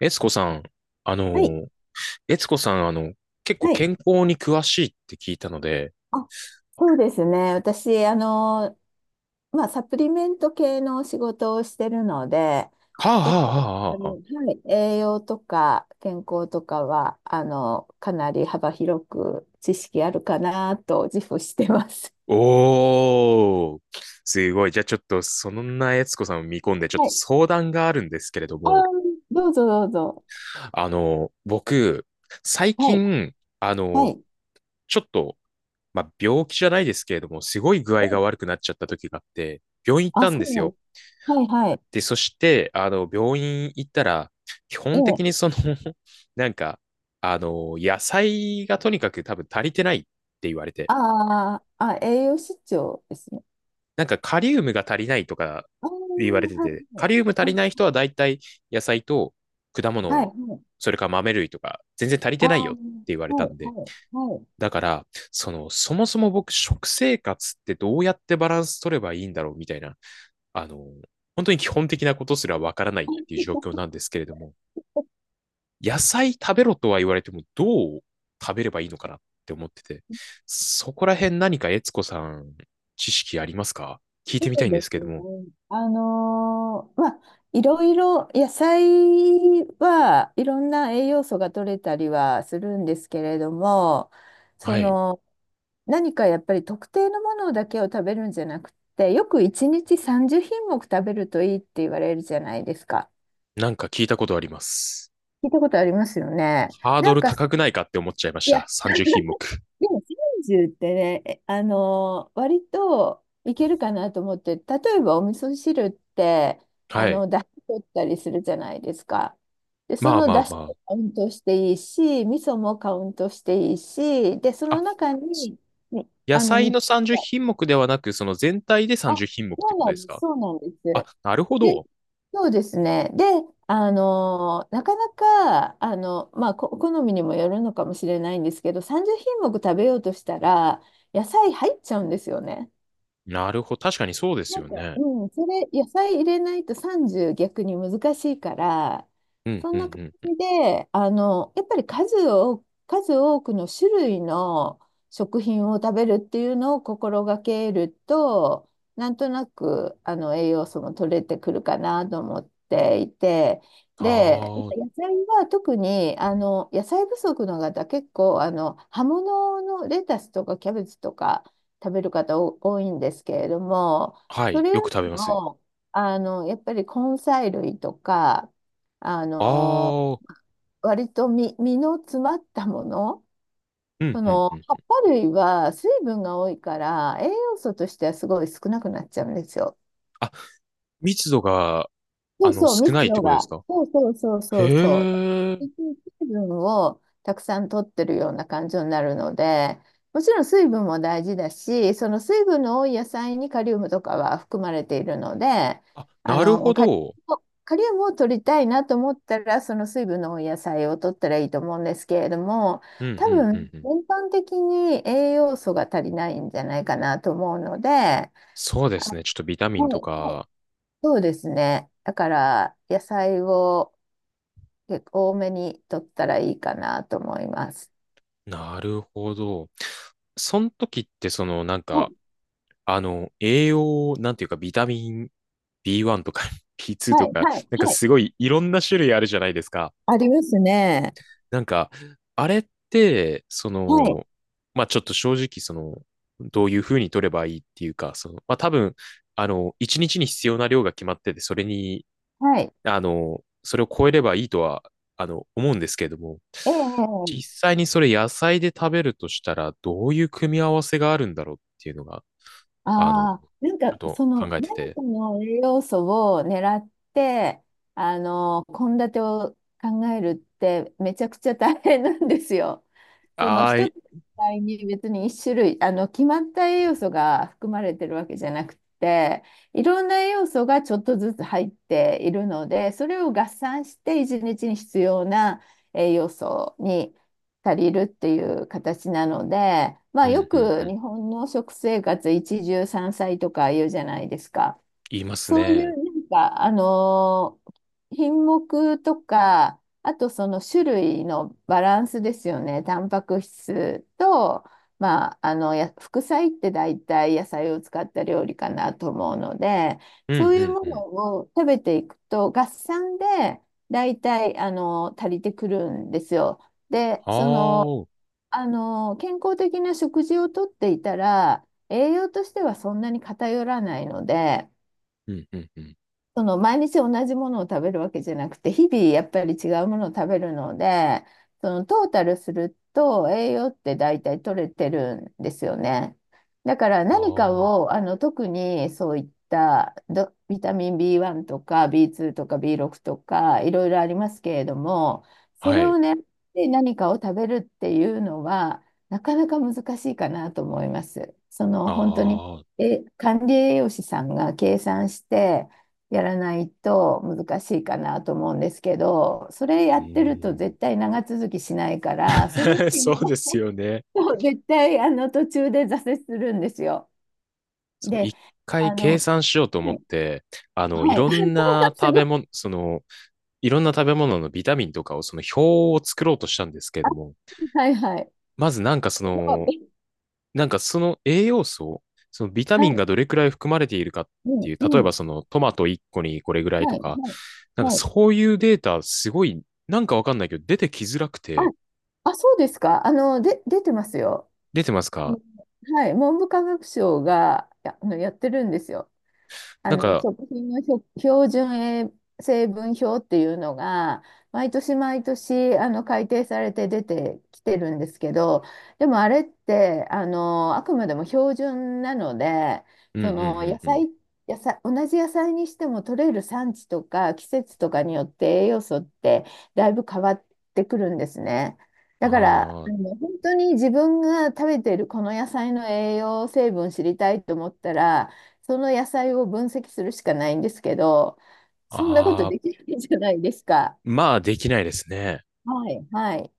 えつこさん、あはい、の、えつこさん、結構はい。健康に詳しいって聞いたので、あ、そうですね。私、まあ、サプリメント系の仕事をしてるので、はあは結あは構、ああはあはの、あ。はい、栄養とか健康とかは、かなり幅広く知識あるかなと自負してます。おー、すごい。じゃあちょっと、そんなえつこさんを見込んで、ちょっはとい。相談があるんですけれどあー、も、どうぞどうぞ。僕、最はい、近、あはの、い。ちょっと、まあ、病気じゃないですけれども、すごい具合がえ悪くなっちゃった時があって、病院行っあ、たんそでうすなよ。の。はい、はい。で、そして、病院行ったら、基え本的え。にその なんか、野菜がとにかく多分足りてないって言われて、あーあ、栄養失調ですね。なんかカリウムが足りないとか言われあてあ、はて、カリウム足りい、はないい。人は大体野菜と果はい、物、はい。それから豆類とか、全然足りあてあ、ないよはって言われたんい、で、はい、はい。だから、その、そもそも僕、食生活ってどうやってバランス取ればいいんだろうみたいな、あの、本当に基本的なことすらわからないっていう状況なんですけれども、野菜食べろとは言われても、どう食べればいいのかなって思ってて、そこら辺何か悦子さん、知識ありますか聞いてそみたういんでですけすどね。も。まあ、いろいろ野菜はいろんな栄養素が取れたりはするんですけれども、そはい。の何かやっぱり特定のものだけを食べるんじゃなくて、よく1日30品目食べるといいって言われるじゃないですか。なんか聞いたことあります。聞いたことありますよね。ハーなドんルか、高くないかって思っちゃいましいた。や、30品目。でも30ってね、えあの割といけるかなと思って、例えばお味噌汁って、はい。出汁取ったりするじゃないですか。で、そまあのまあ出汁もまカウントしていいし、味噌もカウントしていいし、で、そあ。のあ、中に、ね、野菜3のつが、30品目ではなく、その全体であ、30品目っひんもくっそてうことなでんすです、か。そうなんです。あ、なるほで、ど。そうですね。で、なかなか、まあ、好みにもよるのかもしれないんですけど、30品目食べようとしたら、野菜入っちゃうんですよね。なるほど。確かにそうですなんよか、ね。うん、それ、野菜入れないと30逆に難しいから、うん、そうんん、な感うん。じで、やっぱり数多くの種類の食品を食べるっていうのを心がけると、なんとなく、栄養素も取れてくるかなと思っていて、で、ああ、野菜は特に、野菜不足の方、結構、葉物のレタスとかキャベツとか食べる方多いんですけれども、はそい。れよよくり食べます。も、やっぱり根菜類とか、あの、ああ、割と実の詰まったもの、うんそうんのうん。葉っぱ類は水分が多いから栄養素としてはすごい少なくなっちゃうんですよ。あ、密度が、そうそう、少な密いって度ことですが。か。そうそうそうそうそう。へえ。水分をたくさん取ってるような感じになるので、もちろん水分も大事だし、その水分の多い野菜にカリウムとかは含まれているので、あ、あなるほの、カリウど。カリウムを取りたいなと思ったら、その水分の多い野菜を取ったらいいと思うんですけれども、うんう多んう分んうん。全般的に栄養素が足りないんじゃないかなと思うので、あ、そうですね。ちょっとビタミはンとい、はい、か。そうですね。だから、野菜を結構多めに取ったらいいかなと思います。なるほど。その時って、その、なんはか、い、栄養、なんていうか、ビタミン B1 とか B2 はとい、か、はい、なんかはい。すごいいろんな種類あるじゃないですか。ありますね。なんか、あれって、そはい、の、まあちょっと正直、その、どういうふうに取ればいいっていうか、その、まあ多分、一日に必要な量が決まってて、それに、はい。それを超えればいいとは、思うんですけれども、実ええ、際にそれ野菜で食べるとしたら、どういう組み合わせがあるんだろうっていうのが、ちああ、なんょっかと考えて何て、かの栄養素を狙って、献立を考えるってめちゃくちゃ大変なんですよ。そのあー一い、つの野菜に別に一種類、決まった栄養素が含まれてるわけじゃなくて、いろんな栄養素がちょっとずつ入っているので、それを合算して一日に必要な栄養素に借りるっていう形なので、まうあ、よんうんうくん、日本の食生活一汁三菜とか言うじゃないですか。言いますそういね。うなんか、品目とか、あとその種類のバランスですよね。タンパク質と、まあ、あのや副菜って大体野菜を使った料理かなと思うので、うんそういうもうんうん。のを食べていくと合算で大体足りてくるんですよ。で、ああ、健康的な食事をとっていたら、栄養としてはそんなに偏らないので、うんうんうん。その毎日同じものを食べるわけじゃなくて、日々やっぱり違うものを食べるので、そのトータルすると栄養って大体取れてるんですよね。だからあ何かあ、を、特にそういったビタミン B1 とか B2 とか B6 とかいろいろありますけれども、そはれい。をね、で何かを食べるっていうのは、なかなか難しいかなと思います。そのあ本当に、あ、う管理栄養士さんが計算して、やらないと難しいかなと思うんですけど、それやーってるとん。絶対長続きしないから、それ そうでも すよね。絶対途中で挫折するんですよ。そう、で、一回あ計の、算しようと思はっい、て、いはい、ろんな す食べご物、いろんな食べ物のビタミンとかを、その表を作ろうとしたんですけれども、い、はいはい、まずなんかそすごの、い、なんかその栄養素、そのビタはミンい、がどれくらい含まれているかっうてん、いう、例えうばん、そのトマト一個にこれぐらいとはい、か、はい、なんかはい。そういうデータ、すごい、なんかわかんないけど、出てきづらくあ、て、あ、そうですか。で、出てますよ。出てますあか。のはい、文部科学省がや、あのやってるんですよ。なんか、食品の標準栄成分表っていうのが毎年毎年改定されて出てきてるんですけど、でもあれってあくまでも標準なので、うん、うん、うそのん、野うん。菜、野菜同じ野菜にしても取れる産地とか季節とかによって栄養素ってだいぶ変わってくるんですね。だからああ、本当に自分が食べてるこの野菜の栄養成分知りたいと思ったら、その野菜を分析するしかないんですけど、そんなことああ、できないじゃないですか。まあ、できないですね。はい、はい。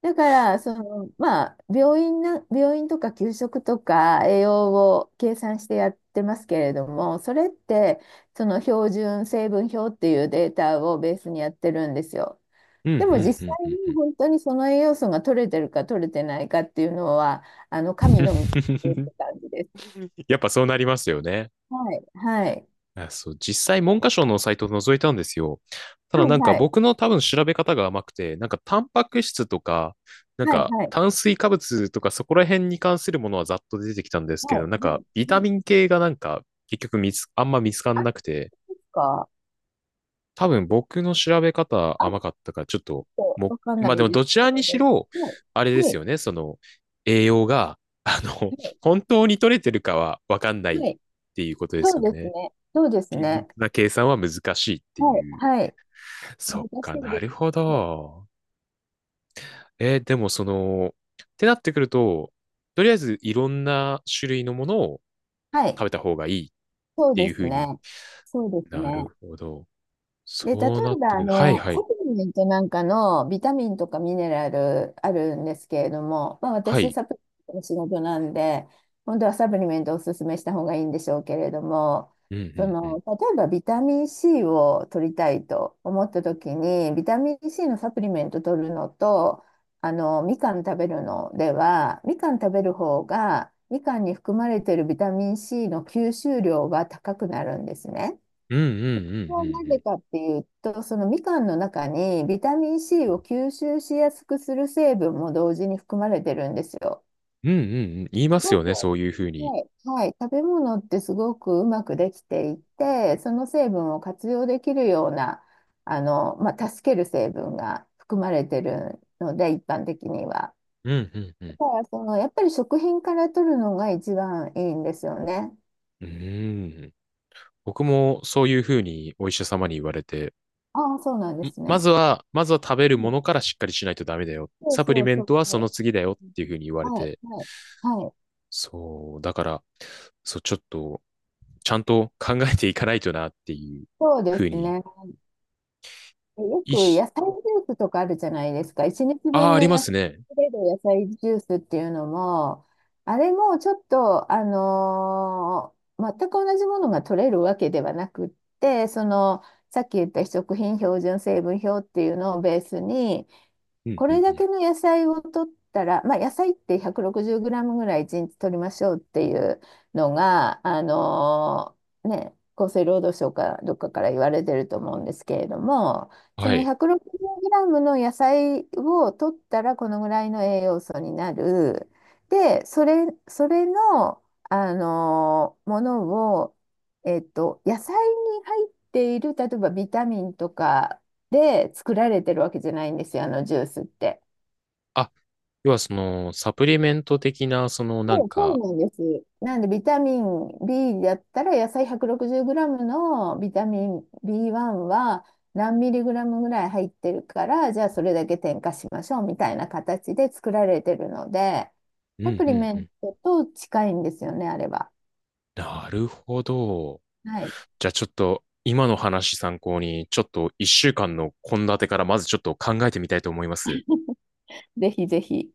だから、まあ、病院とか給食とか栄養を計算してやってますけれども、それって、その標準成分表っていうデータをベースにやってるんですよ。うん、うでも実ん、うん、際うんうにん 本当にその栄養素が取れてるか取れてないかっていうのは、神の水って感じです。やっぱそうなりますよね。はい、はい、あそう、実際文科省のサイトを覗いたんですよ。たはだない、んかはい、僕の多分調べ方が甘くて、なんかタンパク質とか、なんはい、かはい。炭水化物とかそこら辺に関するものはざっと出てきたんですけはい、はど、なんかい、ビタはい。ミン系がなんか結局見つ、あんま見つかあ、んでなくて、すか多分僕の調べ方あ、ち甘かったから、ちょっと、ょっも、とわかんなまあでいもですどちけられにど。しろ、はあれい、ではすい、よね、その、栄養が、あの、は本当に取れてるかはわかんない、いっはい。ていうことでそすうよですね。ね。そうです厳ね。密な計算は難しいってはい、いう。はい。そっ難しかいなでするほね。ど。えーでもその、ってなってくると、とりあえずいろんな種類のものをはい、はい、食べた方がいいっそうてでいうふすうにね。そうですなね。るほど。で、例えそうなっば、てくる。はいはサい。プリメントなんかのビタミンとかミネラルあるんですけれども、まあ、は私、い。サプリメントの仕事なんで、本当はサプリメントをおすすめした方がいいんでしょうけれども、うそんうんうん。の、例えばビタミン C を取りたいと思った時に、ビタミン C のサプリメント取るのと、みかん食べるのでは、みかん食べる方が、みかんに含まれているビタミン C の吸収量が高くなるんですね。うんうんうんうんなうぜん。かっていうと、そのみかんの中にビタミン C を吸収しやすくする成分も同時に含まれてるんですよ。うんうんうん。言いますすごよく、ね、はそういうふうに。い、はい、食べ物ってすごくうまくできていて、その成分を活用できるような、まあ、助ける成分が含まれてるので、一般的には。うんうんうん。だからやっぱり食品から取るのが一番いいんですよね。うーん。僕もそういうふうにお医者様に言われて、ああ、そうなんでんすまね。ずは、まずは食べるうもん、のからしっかりしないとダメだよ。そうサプリそうメそンうトはそのそ次だよっう。ていうふうに言われはい、て、はい。はい、そう、だから、そう、ちょっと、ちゃんと考えていかないとなっていうそうでふうすに、ね。よいくし、野菜ジュースとかあるじゃないですか。1日ああ、分あのりま野す菜、ね。取れる野菜ジュースっていうのも、あれもちょっと、全く同じものが取れるわけではなくって、さっき言った非食品標準成分表っていうのをベースに、うんこうれんうだん。けの野菜を取ったら、まあ、野菜って1 6 0グラムぐらい1日取りましょうっていうのが、ね、厚生労働省かどっかから言われてると思うんですけれども、そはの1 い。6 0グラムの野菜を取ったらこのぐらいの栄養素になる。で、それの、ものを、野菜に入っている、例えばビタミンとかで作られてるわけじゃないんですよ、あのジュースって。あ、要はその、サプリメント的な、そのなんそう、そうか、なんです。なんでビタミン B だったら野菜 160g のビタミン B1 は何ミリグラムぐらい入ってるから、じゃあそれだけ添加しましょうみたいな形で作られてるので、うサんプうリんメうンん。トと近いんですよねあれは。なるほど。はい、じゃあちょっと今の話参考に、ちょっと一週間の献立からまずちょっと考えてみたいと思います。ぜひぜひ。